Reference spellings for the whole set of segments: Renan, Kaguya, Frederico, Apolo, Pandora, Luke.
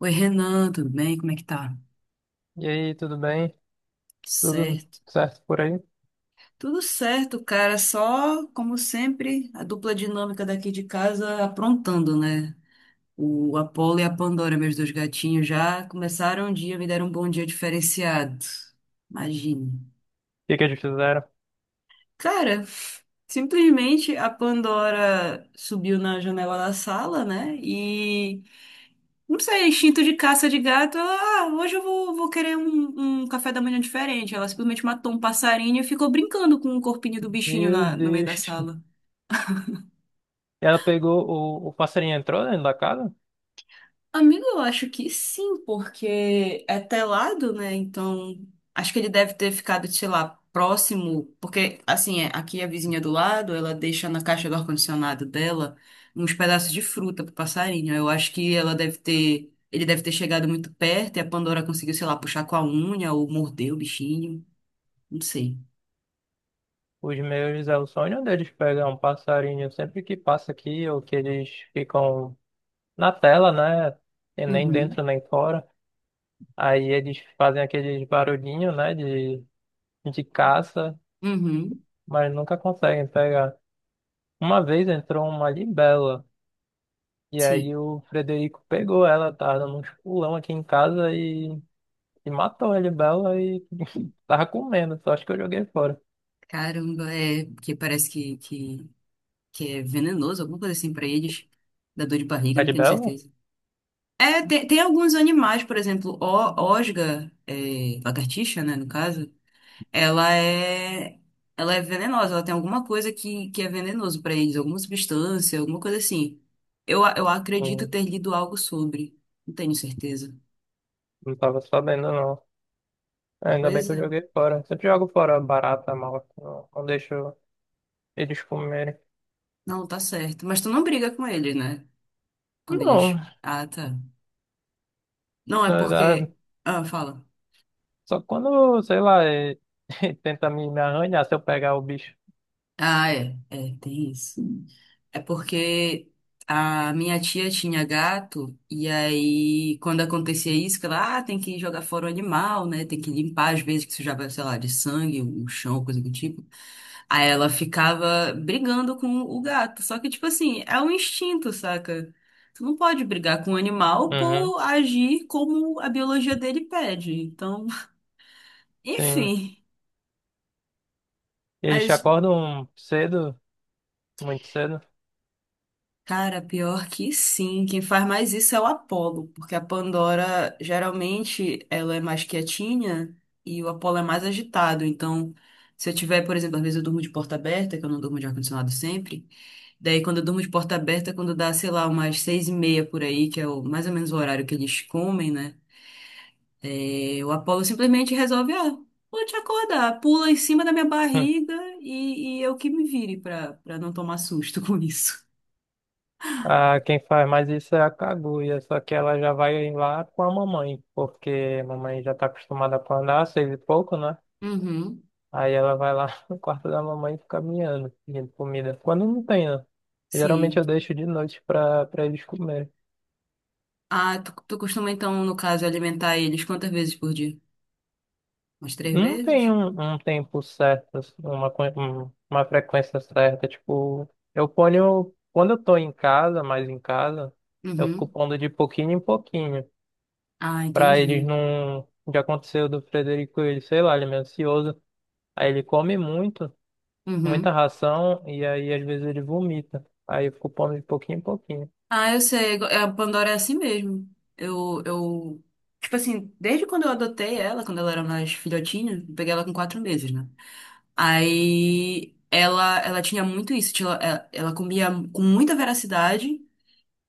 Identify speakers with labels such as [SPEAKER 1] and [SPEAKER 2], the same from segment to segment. [SPEAKER 1] Oi, Renan, tudo bem? Como é que tá?
[SPEAKER 2] E aí, tudo bem? Tudo
[SPEAKER 1] Certo.
[SPEAKER 2] certo por aí? O
[SPEAKER 1] Tudo certo, cara. Só, como sempre, a dupla dinâmica daqui de casa aprontando, né? O Apolo e a Pandora, meus dois gatinhos, já começaram o dia, me deram um bom dia diferenciado. Imagine.
[SPEAKER 2] que que eles fizeram?
[SPEAKER 1] Cara, simplesmente a Pandora subiu na janela da sala, né? E não sei, instinto de caça de gato. Ela, hoje eu vou querer um café da manhã diferente. Ela simplesmente matou um passarinho e ficou brincando com o corpinho do bichinho
[SPEAKER 2] Meu
[SPEAKER 1] no meio da
[SPEAKER 2] Deus.
[SPEAKER 1] sala.
[SPEAKER 2] Ela pegou o passarinho entrou dentro da casa?
[SPEAKER 1] Amigo, eu acho que sim, porque é telado, né? Então, acho que ele deve ter ficado, sei lá, próximo, porque, assim, é, aqui é a vizinha do lado, ela deixa na caixa do ar-condicionado dela uns pedaços de fruta pro passarinho. Eu acho que ela deve ter, ele deve ter chegado muito perto e a Pandora conseguiu, sei lá, puxar com a unha ou morder o bichinho, não sei.
[SPEAKER 2] Os meus é o sonho deles pegar um passarinho sempre que passa aqui, ou que eles ficam na tela, né? E nem dentro
[SPEAKER 1] Uhum,
[SPEAKER 2] nem fora. Aí eles fazem aqueles barulhinhos, né? De caça,
[SPEAKER 1] uhum,
[SPEAKER 2] mas nunca conseguem pegar. Uma vez entrou uma libela, e aí
[SPEAKER 1] sim.
[SPEAKER 2] o Frederico pegou ela, tava dando uns pulão aqui em casa e. E matou a Libela e tava comendo, só acho que eu joguei fora.
[SPEAKER 1] Caramba, é, porque parece que é venenoso, alguma coisa assim pra eles. Dá dor de barriga,
[SPEAKER 2] A
[SPEAKER 1] não tenho
[SPEAKER 2] Libela?
[SPEAKER 1] certeza. É, tem alguns animais, por exemplo, o, osga, é, lagartixa, né, no caso, ela é, ela é venenosa, ela tem alguma coisa que é venenoso pra eles, alguma substância, alguma coisa assim. Eu acredito
[SPEAKER 2] Hum,
[SPEAKER 1] ter lido algo sobre, não tenho certeza.
[SPEAKER 2] não tava sabendo, não. É, ainda bem
[SPEAKER 1] Pois
[SPEAKER 2] que eu
[SPEAKER 1] é,
[SPEAKER 2] joguei fora. Sempre jogo fora barata, mal. Não, não deixo eles comerem.
[SPEAKER 1] não, tá certo. Mas tu não briga com eles, né? Quando eles...
[SPEAKER 2] Não,
[SPEAKER 1] Ah, tá. Não,
[SPEAKER 2] na
[SPEAKER 1] é
[SPEAKER 2] verdade,
[SPEAKER 1] porque... Ah, fala.
[SPEAKER 2] só quando, sei lá, tenta me arranhar se eu pegar o bicho.
[SPEAKER 1] Ah, é, é, tem isso. É porque a minha tia tinha gato, e aí quando acontecia isso, que ela, ah, tem que jogar fora o animal, né? Tem que limpar às vezes que sujava, sei lá, de sangue, o chão, coisa do tipo. Aí ela ficava brigando com o gato. Só que, tipo assim, é um instinto, saca? Tu não pode brigar com o animal
[SPEAKER 2] Uhum,
[SPEAKER 1] por agir como a biologia dele pede. Então,
[SPEAKER 2] sim.
[SPEAKER 1] enfim.
[SPEAKER 2] Eles te
[SPEAKER 1] Mas
[SPEAKER 2] acordam cedo, muito cedo.
[SPEAKER 1] cara, pior que sim. Quem faz mais isso é o Apolo, porque a Pandora geralmente ela é mais quietinha e o Apolo é mais agitado. Então, se eu tiver, por exemplo, às vezes eu durmo de porta aberta, que eu não durmo de ar-condicionado sempre. Daí, quando eu durmo de porta aberta, quando dá, sei lá, umas seis e meia por aí, que é o, mais ou menos o horário que eles comem, né? É, o Apolo simplesmente resolve, ah, vou te acordar, pula em cima da minha barriga e eu que me vire pra não tomar susto com isso.
[SPEAKER 2] Ah, quem faz mais isso é a Kaguya, só que ela já vai lá com a mamãe, porque a mamãe já tá acostumada a andar, seis e pouco, né?
[SPEAKER 1] Uhum.
[SPEAKER 2] Aí ela vai lá no quarto da mamãe e fica miando, pedindo comida. Quando não tem, né? Geralmente
[SPEAKER 1] Sim,
[SPEAKER 2] eu deixo de noite pra eles comerem.
[SPEAKER 1] ah, tu costuma então, no caso, alimentar eles quantas vezes por dia? Umas três
[SPEAKER 2] Não tem
[SPEAKER 1] vezes?
[SPEAKER 2] um, Um tempo certo, assim, uma frequência certa. Tipo, eu ponho. Quando eu tô em casa, mais em casa, eu fico
[SPEAKER 1] Uhum.
[SPEAKER 2] pondo de pouquinho em pouquinho.
[SPEAKER 1] Ah,
[SPEAKER 2] Pra eles
[SPEAKER 1] entendi.
[SPEAKER 2] não. Já aconteceu do Frederico, ele, sei lá, ele é meio ansioso. Aí ele come muita
[SPEAKER 1] Uhum.
[SPEAKER 2] ração, e aí às vezes ele vomita. Aí eu fico pondo de pouquinho em pouquinho.
[SPEAKER 1] Ah, eu sei. É, a Pandora é assim mesmo. Eu, eu, tipo assim, desde quando eu adotei ela, quando ela era mais filhotinha, eu peguei ela com quatro meses, né? Aí ela tinha muito isso. Tinha, ela comia com muita veracidade,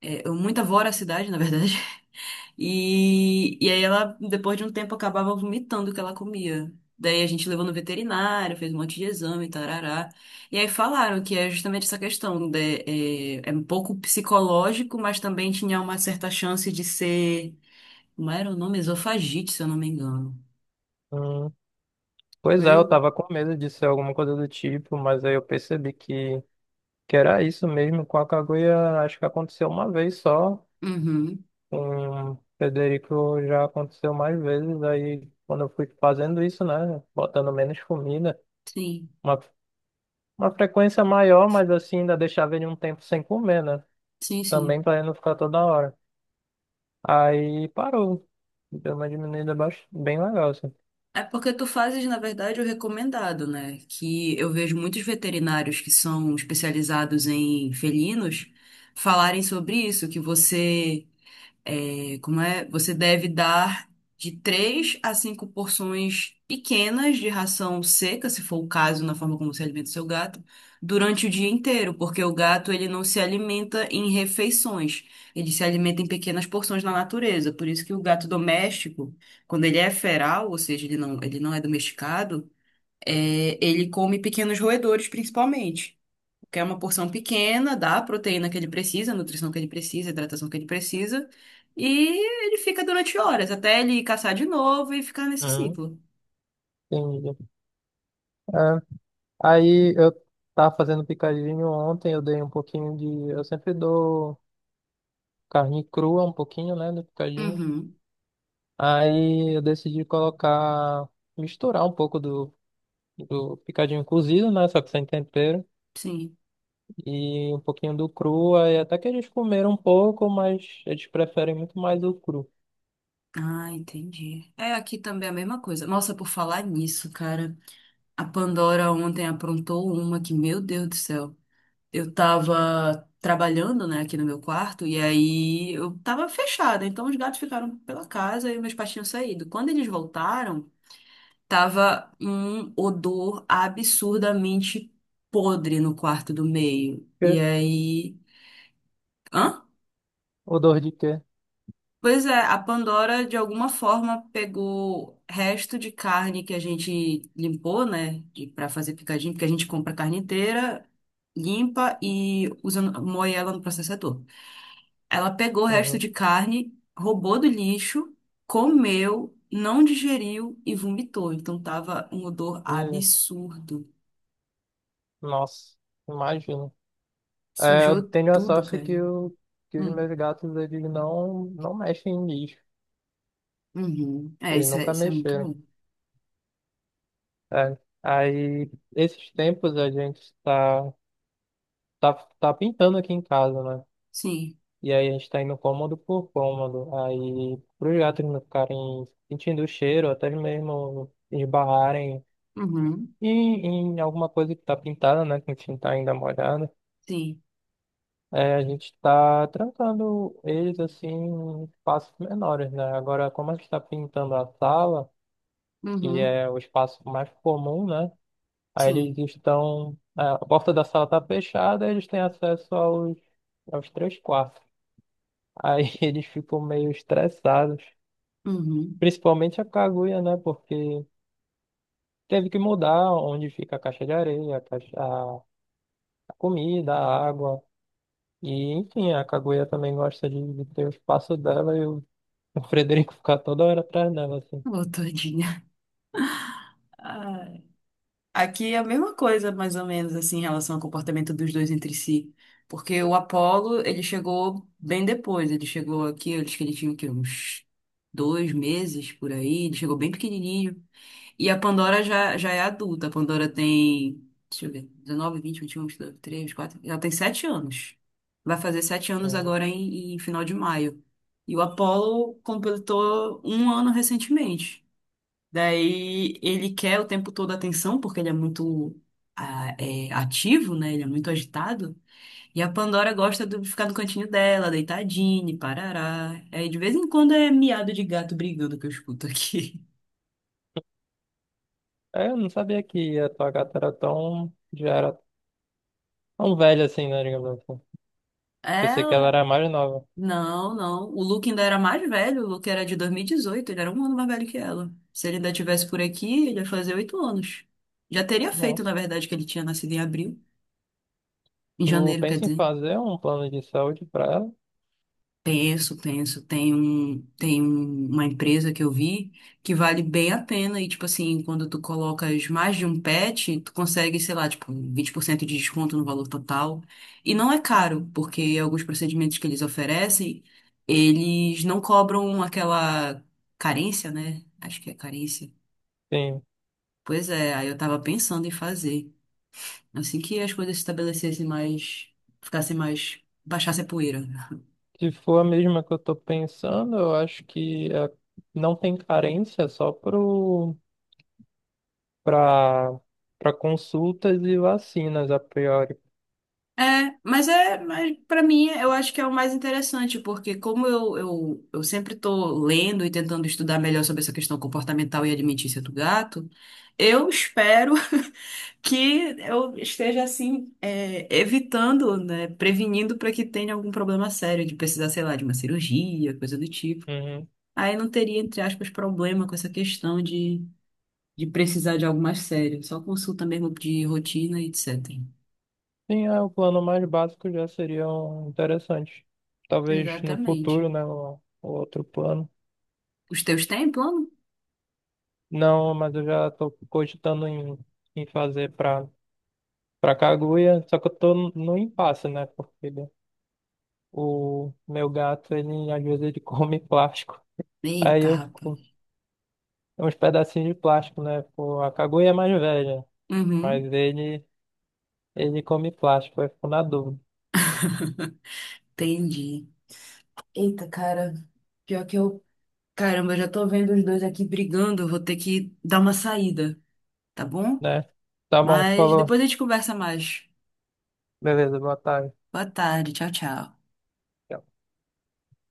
[SPEAKER 1] é, muita voracidade, na verdade. E aí ela, depois de um tempo, acabava vomitando o que ela comia. Daí a gente levou no veterinário, fez um monte de exame, tarará. E aí falaram que é justamente essa questão, de, é, é um pouco psicológico, mas também tinha uma certa chance de ser, como era o nome? Esofagite, se eu não me engano.
[SPEAKER 2] Hum, Pois é, eu
[SPEAKER 1] Foi?
[SPEAKER 2] tava com medo de ser alguma coisa do tipo, mas aí eu percebi que era isso mesmo. Com a Kaguya, acho que aconteceu uma vez só.
[SPEAKER 1] Uhum,
[SPEAKER 2] Com o Frederico já aconteceu mais vezes. Aí quando eu fui fazendo isso, né, botando menos comida.
[SPEAKER 1] sim,
[SPEAKER 2] uma Uma frequência maior, mas assim, ainda deixava ele um tempo sem comer, né?
[SPEAKER 1] sim, sim.
[SPEAKER 2] Também pra ele não ficar toda hora. Aí parou. Deu uma diminuída bem legal, assim.
[SPEAKER 1] É porque tu fazes, na verdade, o recomendado, né? Que eu vejo muitos veterinários que são especializados em felinos falarem sobre isso, que você e como é? Você deve dar de três a cinco porções pequenas de ração seca, se for o caso, na forma como você alimenta o seu gato, durante o dia inteiro, porque o gato ele não se alimenta em refeições, ele se alimenta em pequenas porções na natureza. Por isso que o gato doméstico, quando ele é feral, ou seja, ele não é domesticado, é, ele come pequenos roedores principalmente que é uma porção pequena da proteína que ele precisa, nutrição que ele precisa, hidratação que ele precisa, e ele fica durante horas, até ele caçar de novo e ficar nesse
[SPEAKER 2] Uhum.
[SPEAKER 1] ciclo.
[SPEAKER 2] Entendi. É, aí eu tava fazendo picadinho ontem, eu dei um pouquinho de. Eu sempre dou carne crua, um pouquinho, né, do picadinho.
[SPEAKER 1] Uhum,
[SPEAKER 2] Aí eu decidi colocar, misturar um pouco do picadinho cozido, né, só que sem tempero.
[SPEAKER 1] sim.
[SPEAKER 2] E um pouquinho do cru e até que eles comeram um pouco, mas eles preferem muito mais o cru.
[SPEAKER 1] Ah, entendi. É, aqui também é a mesma coisa. Nossa, por falar nisso, cara, a Pandora ontem aprontou uma que, meu Deus do céu. Eu tava trabalhando, né, aqui no meu quarto, e aí eu tava fechada, então os gatos ficaram pela casa e meus patinhos saíram. Quando eles voltaram, tava um odor absurdamente podre no quarto do meio.
[SPEAKER 2] Quê?
[SPEAKER 1] E aí. Hã?
[SPEAKER 2] Odor de quê?
[SPEAKER 1] Pois é, a Pandora de alguma forma pegou resto de carne que a gente limpou, né? De, pra fazer picadinho, porque a gente compra carne inteira, limpa e usa, moe ela no processador. Ela pegou o resto
[SPEAKER 2] Uhum.
[SPEAKER 1] de carne, roubou do lixo, comeu, não digeriu e vomitou. Então tava um odor
[SPEAKER 2] E,
[SPEAKER 1] absurdo.
[SPEAKER 2] nossa, imagino. É, eu
[SPEAKER 1] Sujou
[SPEAKER 2] tenho a
[SPEAKER 1] tudo,
[SPEAKER 2] sorte que,
[SPEAKER 1] cara.
[SPEAKER 2] que os
[SPEAKER 1] Hum.
[SPEAKER 2] meus gatos eles não mexem em lixo.
[SPEAKER 1] Uhum. É,
[SPEAKER 2] Eles nunca
[SPEAKER 1] isso é muito
[SPEAKER 2] mexeram.
[SPEAKER 1] bom.
[SPEAKER 2] É. Aí, esses tempos a gente tá, tá, tá pintando aqui em casa, né?
[SPEAKER 1] Sim.
[SPEAKER 2] E aí a gente tá indo cômodo por cômodo. Aí, pros gatos não ficarem sentindo o cheiro, até mesmo esbarrarem
[SPEAKER 1] Uhum.
[SPEAKER 2] E em alguma coisa que tá pintada, né, com tinta ainda molhada,
[SPEAKER 1] Sim.
[SPEAKER 2] a gente tá trancando eles assim em espaços menores, né? Agora, como a gente tá pintando a sala, que
[SPEAKER 1] Uhum.
[SPEAKER 2] é o espaço mais comum, né? Aí
[SPEAKER 1] Sim.
[SPEAKER 2] eles estão. A porta da sala tá fechada, eles têm acesso aos três quartos. Aí eles ficam meio estressados,
[SPEAKER 1] Uhum.
[SPEAKER 2] principalmente a Kaguya, né? Porque teve que mudar onde fica a caixa de areia, a comida, a água. E, enfim, a Kaguya também gosta de ter o espaço dela e o Frederico ficar toda hora atrás dela, assim.
[SPEAKER 1] Ô, todinha. Ai. Aqui é a mesma coisa, mais ou menos, assim, em relação ao comportamento dos dois entre si. Porque o Apollo ele chegou bem depois. Ele chegou aqui, eu acho que ele tinha o quê? Uns dois meses por aí. Ele chegou bem pequenininho. E a Pandora já é adulta. A Pandora tem, deixa eu ver, 19, 20, 21, 22, 23, quatro. Ela tem 7 anos. Vai fazer 7 anos
[SPEAKER 2] Uhum.
[SPEAKER 1] agora em final de maio. E o Apollo completou um ano recentemente. Daí ele quer o tempo todo atenção, porque ele é muito ah, é, ativo, né? Ele é muito agitado. E a Pandora gosta de ficar no cantinho dela, deitadinha, parará. Aí de vez em quando é miado de gato brigando que eu escuto aqui.
[SPEAKER 2] É, eu não sabia que a tua gata era tão, já era tão velha assim, né, digamos assim. Pensei que ela
[SPEAKER 1] Ela
[SPEAKER 2] era mais nova.
[SPEAKER 1] não, não. O Luke ainda era mais velho. O Luke era de 2018. Ele era um ano mais velho que ela. Se ele ainda tivesse por aqui, ele ia fazer 8 anos. Já teria feito, na
[SPEAKER 2] Nossa.
[SPEAKER 1] verdade, que ele tinha nascido em abril. Em
[SPEAKER 2] Tu
[SPEAKER 1] janeiro, quer
[SPEAKER 2] pensa em
[SPEAKER 1] dizer.
[SPEAKER 2] fazer um plano de saúde pra ela?
[SPEAKER 1] Penso, penso. Tem um, uma empresa que eu vi que vale bem a pena. E, tipo assim, quando tu colocas mais de um pet, tu consegue, sei lá, tipo, 20% de desconto no valor total. E não é caro, porque alguns procedimentos que eles oferecem, eles não cobram aquela carência, né? Acho que é carência.
[SPEAKER 2] Sim.
[SPEAKER 1] Pois é, aí eu tava pensando em fazer. Assim que as coisas se estabelecessem mais, ficassem mais, baixasse a poeira.
[SPEAKER 2] Se for a mesma que eu tô pensando, eu acho que é, não tem carência é só pra, pra consultas e vacinas a priori.
[SPEAKER 1] É, mas para mim eu acho que é o mais interessante, porque como eu sempre estou lendo e tentando estudar melhor sobre essa questão comportamental e alimentícia do gato, eu espero que eu esteja assim, é, evitando, né, prevenindo para que tenha algum problema sério de precisar, sei lá, de uma cirurgia, coisa do tipo.
[SPEAKER 2] Uhum.
[SPEAKER 1] Aí não teria, entre aspas, problema com essa questão de precisar de algo mais sério, só consulta mesmo de rotina e etc.
[SPEAKER 2] Sim, é, o plano mais básico já seria um interessante. Talvez no
[SPEAKER 1] Exatamente.
[SPEAKER 2] futuro, né? O outro plano.
[SPEAKER 1] Os teus têm plano?
[SPEAKER 2] Não, mas eu já estou cogitando em, em fazer para Kaguya, só que eu tô no impasse, né? Porque o meu gato, ele às vezes ele come plástico. Aí
[SPEAKER 1] Eita,
[SPEAKER 2] eu
[SPEAKER 1] rapaz.
[SPEAKER 2] fico é uns pedacinhos de plástico, né? Pô, a Kaguya é mais velha, mas
[SPEAKER 1] Uhum,
[SPEAKER 2] ele ele come plástico, eu fico na dúvida,
[SPEAKER 1] entendi. Eita, cara. Pior que eu. Caramba, eu já tô vendo os dois aqui brigando. Vou ter que dar uma saída, tá bom?
[SPEAKER 2] né? Tá bom,
[SPEAKER 1] Mas
[SPEAKER 2] falou.
[SPEAKER 1] depois a gente conversa mais.
[SPEAKER 2] Beleza, boa tarde.
[SPEAKER 1] Boa tarde. Tchau, tchau.
[SPEAKER 2] Tchau.